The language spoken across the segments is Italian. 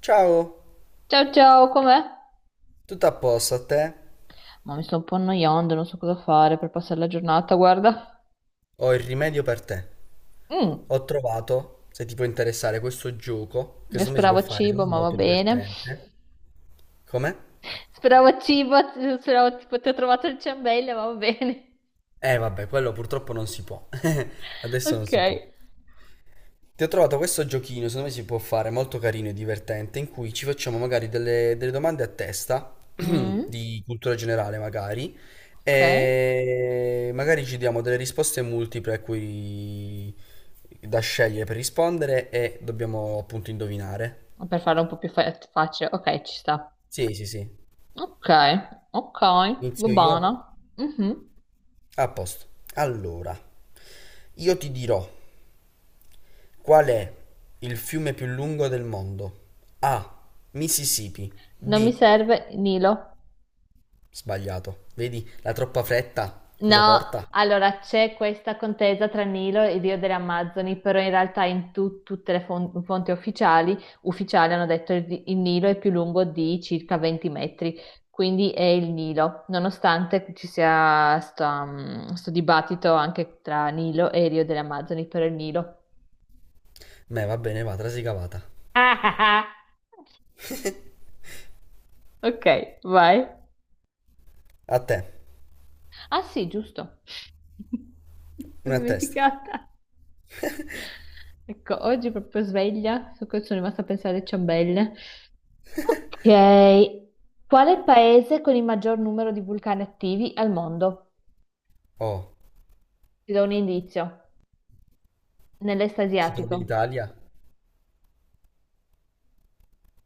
Ciao, Ciao ciao, com'è? tutto a posto a te? Ma mi sto un po' annoiando, non so cosa fare per passare la giornata, guarda. Ho il rimedio per te. Mm, Ho trovato, se ti può interessare, questo gioco che io secondo me si può speravo fare, cibo, secondo me ma è va molto bene. divertente. Come? Speravo cibo, speravo tipo ti ho trovato il ciambello, ma va bene. Eh vabbè, quello purtroppo non si può. Adesso non si può. Ok. Ti ho trovato questo giochino, secondo me si può fare, molto carino e divertente, in cui ci facciamo magari delle domande a testa, Mm, di cultura generale magari, ok. e magari ci diamo delle risposte multiple a cui da scegliere per rispondere e dobbiamo appunto indovinare. Per farlo un po' più facile, ok, ci sta. Sì, sì, sì. Ok, ok, va Inizio bene. io. Mhm. A posto. Allora, io ti dirò qual è il fiume più lungo del mondo. A. Mississippi. Non mi B. serve Nilo. Sbagliato. Vedi, la troppa fretta cosa No, porta? allora c'è questa contesa tra Nilo e Dio delle Amazzoni, però in realtà in tutte le fonti ufficiali, ufficiali hanno detto il Nilo è più lungo di circa 20 metri, quindi è il Nilo, nonostante ci sia sto, sto dibattito anche tra Nilo e Rio delle Amazzoni, però è il Nilo. Beh, va bene, va, trasi cavata. Ah, ah, ah. Ok, vai. A te, Ah sì, giusto. Mi sono una a testa. dimenticata. Ecco, oggi proprio sveglia, so che sono rimasta a pensare alle ciambelle. Ok, qual è il paese con il maggior numero di vulcani attivi al mondo? Oh, Ti do un indizio. Nell'est si trova in asiatico. Italia?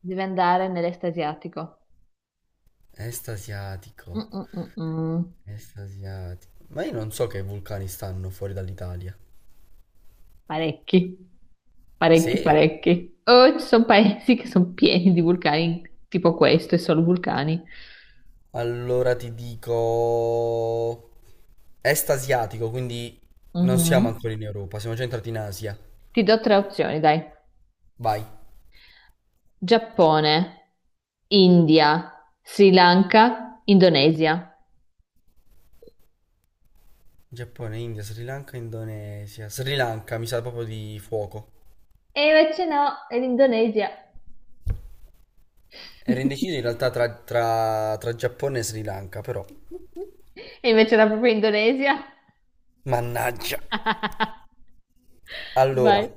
Devi andare nell'est asiatico. Est Mm, asiatico, mm, mm, mm. est asiatico. Ma io non so che vulcani stanno fuori dall'Italia. Parecchi, parecchi, Sì, parecchi. Oh, ci sono paesi che sono pieni di vulcani, tipo questo, e solo vulcani. allora ti dico... Est asiatico, quindi non siamo Mhm. ancora in Europa, siamo già entrati in Asia. Ti do tre opzioni, dai. Vai. Giappone, India, Sri Lanka, Indonesia. Giappone, India, Sri Lanka, Indonesia. Sri Lanka, mi sa proprio di fuoco. E invece no, è l'Indonesia. Ero indeciso in realtà tra, tra Giappone e Sri Lanka, però. E invece era proprio Indonesia. Mannaggia. Allora, Vai.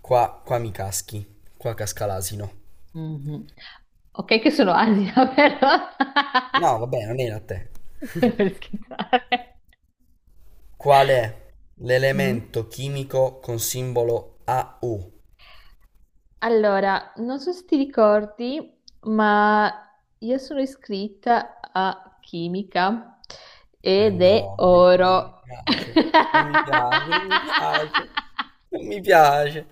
qua, qua mi caschi. Qua casca l'asino. Mhm. Ok, che sono Asia, però. No, vabbè, non era a te. Per scherzare. Qual è Mm. l'elemento chimico con simbolo AU? Allora, non so se ti ricordi, ma io sono iscritta a chimica Eh ed è no, non mi oro. piace. Non mi piace, non mi piace. Non mi piace.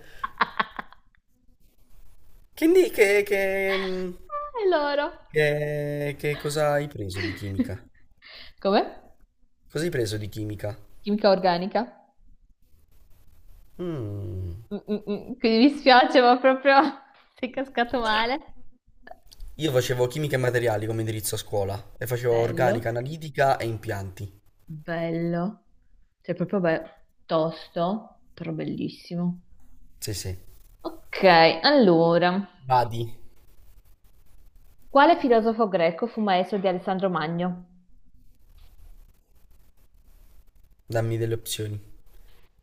Che, che, È l'oro. Che cosa hai preso di chimica? Come? Cosa hai preso di chimica? Chimica organica? Mm. Mm, mm, mm. Quindi mi spiace, ma proprio sei cascato male. Io facevo chimica e materiali come indirizzo a scuola e facevo organica, Bello, analitica e impianti. bello. Cioè, proprio tosto, però bellissimo. Sì, sì. Ok, allora, Vadi, quale filosofo greco fu maestro di Alessandro Magno? dammi delle opzioni,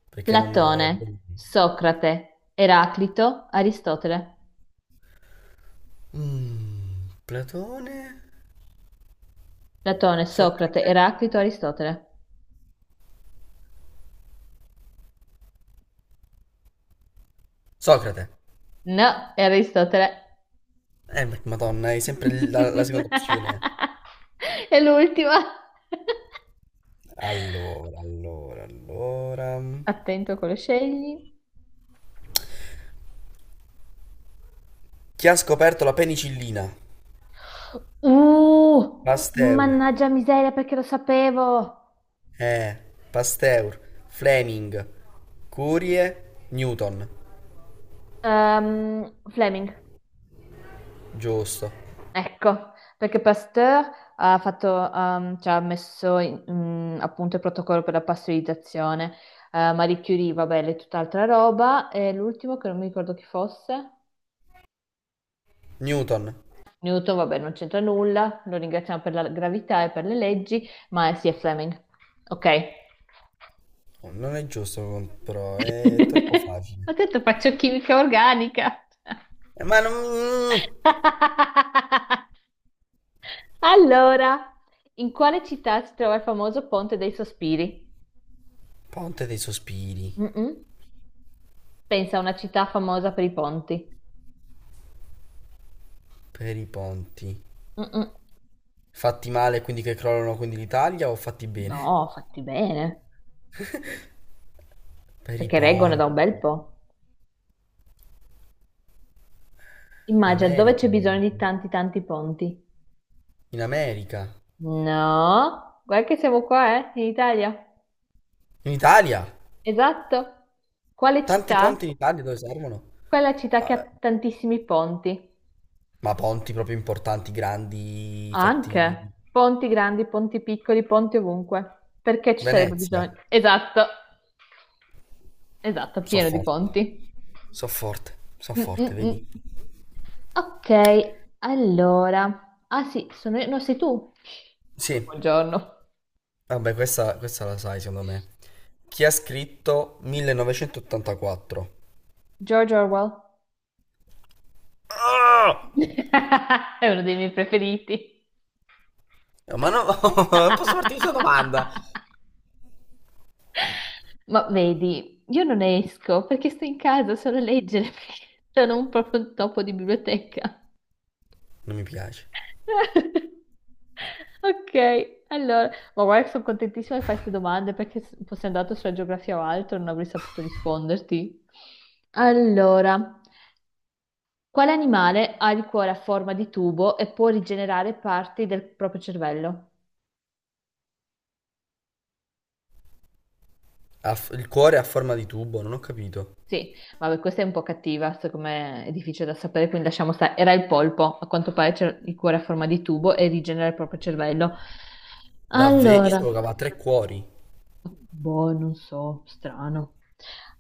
perché non ho... Platone, Socrate, Eraclito, Aristotele. Mm, Platone? Platone, Socrate, Socrate? Eraclito, Aristotele. Socrate. No, è Aristotele. Madonna, è sempre la seconda opzione. È l'ultima. Allora, allora, allora. Attento a quello scegli. Chi ha scoperto la penicillina? Pasteur. Mannaggia miseria, perché lo sapevo. Eh, Pasteur, Fleming, Curie, Newton. Fleming, Giusto. ecco, perché Pasteur ha fatto, ci ha messo appunto il protocollo per la pastorizzazione. Marie Curie, vabbè, è tutt'altra roba. E l'ultimo che non mi ricordo chi fosse. Newton. Newton, vabbè, non c'entra nulla. Lo ringraziamo per la gravità e per le leggi, ma sì, è Fleming. Ok. Oh, non è giusto, però è troppo Ho facile. detto faccio chimica organica. Ma non... mm, Allora, in quale città si trova il famoso Ponte dei Sospiri? Ponte dei sospiri. Mm-mm. Pensa a una città famosa per i ponti. Per i ponti. Mm-mm. Fatti male quindi che crollano quindi l'Italia o fatti bene? No, fatti bene, Per i perché reggono da ponti. un bel po'. Immagina dove L'America. c'è bisogno di tanti tanti ponti. In America. No, guarda che siamo qua, in Italia. In Italia. Esatto. Quale Tanti ponti in città? Italia dove servono? Quella città che ha Ah, tantissimi ponti. ma ponti proprio importanti, grandi, fatti... Anche ponti grandi, ponti piccoli, ponti ovunque. Perché ci sarebbe Venezia. bisogno? Esatto, esatto, So pieno di forte. ponti. So forte. So Mm, forte, mm, vedi? mm. Ok, allora. Ah sì, no, sei tu. Sì. Buongiorno. Vabbè, questa la sai, secondo me. Chi ha scritto 1984? George Orwell. Ah! È uno dei miei preferiti. No, ma no, non posso farti questa domanda. Ma vedi, io non esco perché sto in casa solo a leggere, perché sono un proprio topo di biblioteca. Non mi piace. Ok, allora, ma guarda, che sono contentissima che fai queste domande perché se fossi andato sulla geografia o altro non avrei saputo risponderti. Allora, quale animale ha il cuore a forma di tubo e può rigenerare parti del proprio cervello? Il cuore a forma di tubo, non ho capito. Sì, vabbè, questa è un po' cattiva, secondo me è difficile da sapere, quindi lasciamo stare. Era il polpo, a quanto pare c'è il cuore a forma di tubo e rigenera il proprio cervello. Davvero? Io Allora, sapevo che aveva 3 cuori. boh, non so, strano.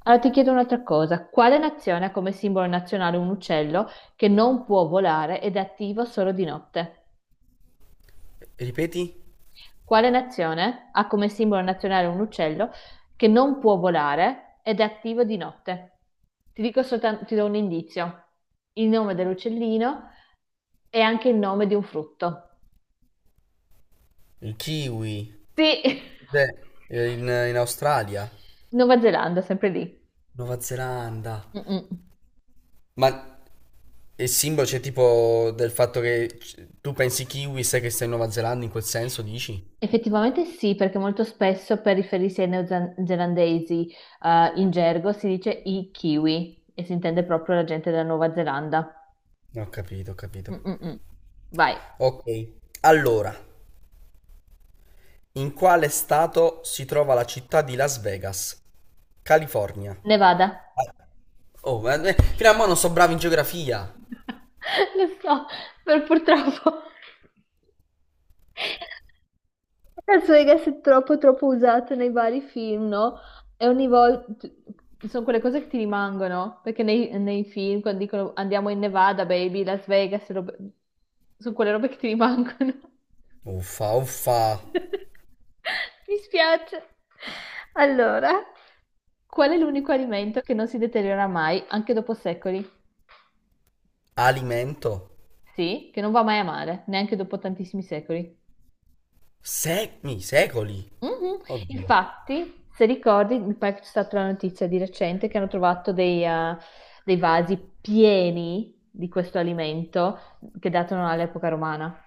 Allora ti chiedo un'altra cosa. Quale nazione ha come simbolo nazionale un uccello che non può volare ed è attivo solo di notte? Ripeti? Quale nazione ha come simbolo nazionale un uccello che non può volare ed è attivo di notte? Ti dico soltanto, ti do un indizio. Il nome dell'uccellino è anche il nome di un frutto. Il kiwi. Sì, Beh, in, in Australia. Nuova Zelanda, sempre lì. Nuova Zelanda. Mm-mm. Ma il simbolo c'è tipo del fatto che tu pensi kiwi, sai che stai in Nuova Zelanda, in quel senso dici? Effettivamente sì, perché molto spesso per riferirsi ai neozelandesi in gergo si dice i kiwi e si intende proprio la gente della Nuova Zelanda. No, ho capito, ho capito. Mm, mm, mm. Vai, Ok, allora, in quale stato si trova la città di Las Vegas? California. Nevada. Oh, fino a mo' non so bravo in geografia. Lo so, per purtroppo. Las Vegas è troppo troppo usato nei vari film, no? E ogni volta sono quelle cose che ti rimangono, perché nei film quando dicono andiamo in Nevada, baby, Las Vegas, robe- sono quelle robe che ti rimangono. Uffa, uffa. Mi spiace. Allora, qual è l'unico alimento che non si deteriora mai, anche dopo secoli? Alimento? Sì, che non va mai a male, neanche dopo tantissimi secoli. Secmi, secoli. Mhm. Oddio. Infatti, se ricordi, mi pare che c'è stata la notizia di recente che hanno trovato dei, dei vasi pieni di questo alimento che datano all'epoca romana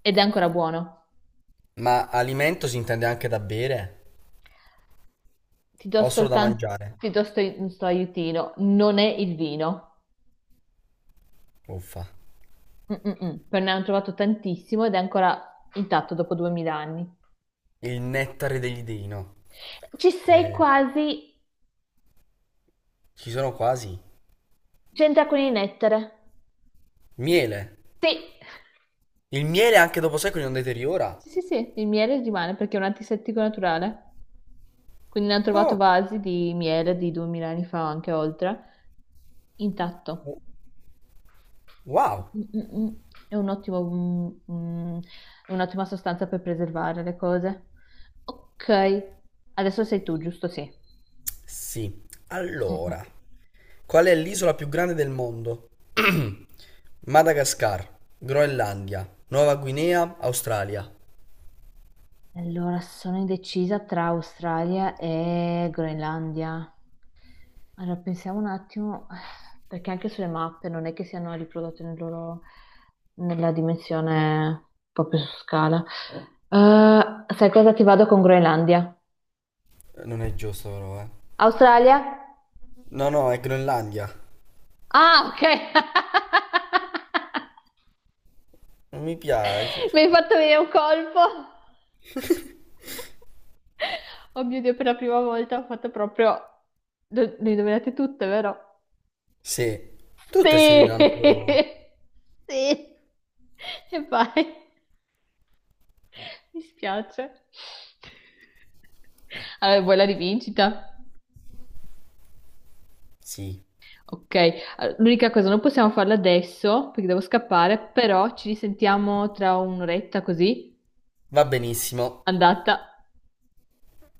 ed è ancora buono. Ma alimento si intende anche da bere? Ti do O solo da soltanto, mangiare? ti do sto, un sto aiutino, non è il vino. Uffa. Mm-mm-mm. Però ne hanno trovato tantissimo ed è ancora intatto dopo 2000 anni. Il nettare degli dei, no? Ci sei quasi, Ci sono quasi. c'entra con il nettare. Miele. Sì, Il miele anche dopo secoli non deteriora? sì, sì, sì, il miele rimane perché è un antisettico naturale. Quindi ne hanno trovato Oh, vasi di miele di 2000 anni fa, anche oltre, intatto. wow. Mm, mm, mm. È un ottimo, mm, mm, è un'ottima sostanza per preservare le cose. Ok, adesso sei tu, giusto? Sì. Sì. Mm, mm. Mm. Allora, qual è l'isola più grande del mondo? Madagascar, Groenlandia, Nuova Guinea, Australia. Allora, sono indecisa tra Australia e Groenlandia. Allora, pensiamo un attimo, perché anche sulle mappe non è che siano riprodotte nel loro- nella dimensione proprio su scala. Sai cosa ti vado con Groenlandia? Non è giusto però, eh. Australia? No, no, è Groenlandia. Ah, ok! Non mi piace. Mi hai fatto venire un colpo! Oh mio Dio, per la prima volta ho fatto proprio... Le indovinate tutte, vero? Sì, tutte si uniranno Sì! però. Sì! E vai! Mi spiace. Allora, vuoi la rivincita? Sì, Ok, allora, l'unica cosa, non possiamo farla adesso perché devo scappare, però ci risentiamo tra un'oretta così, va benissimo. andata. Ciao.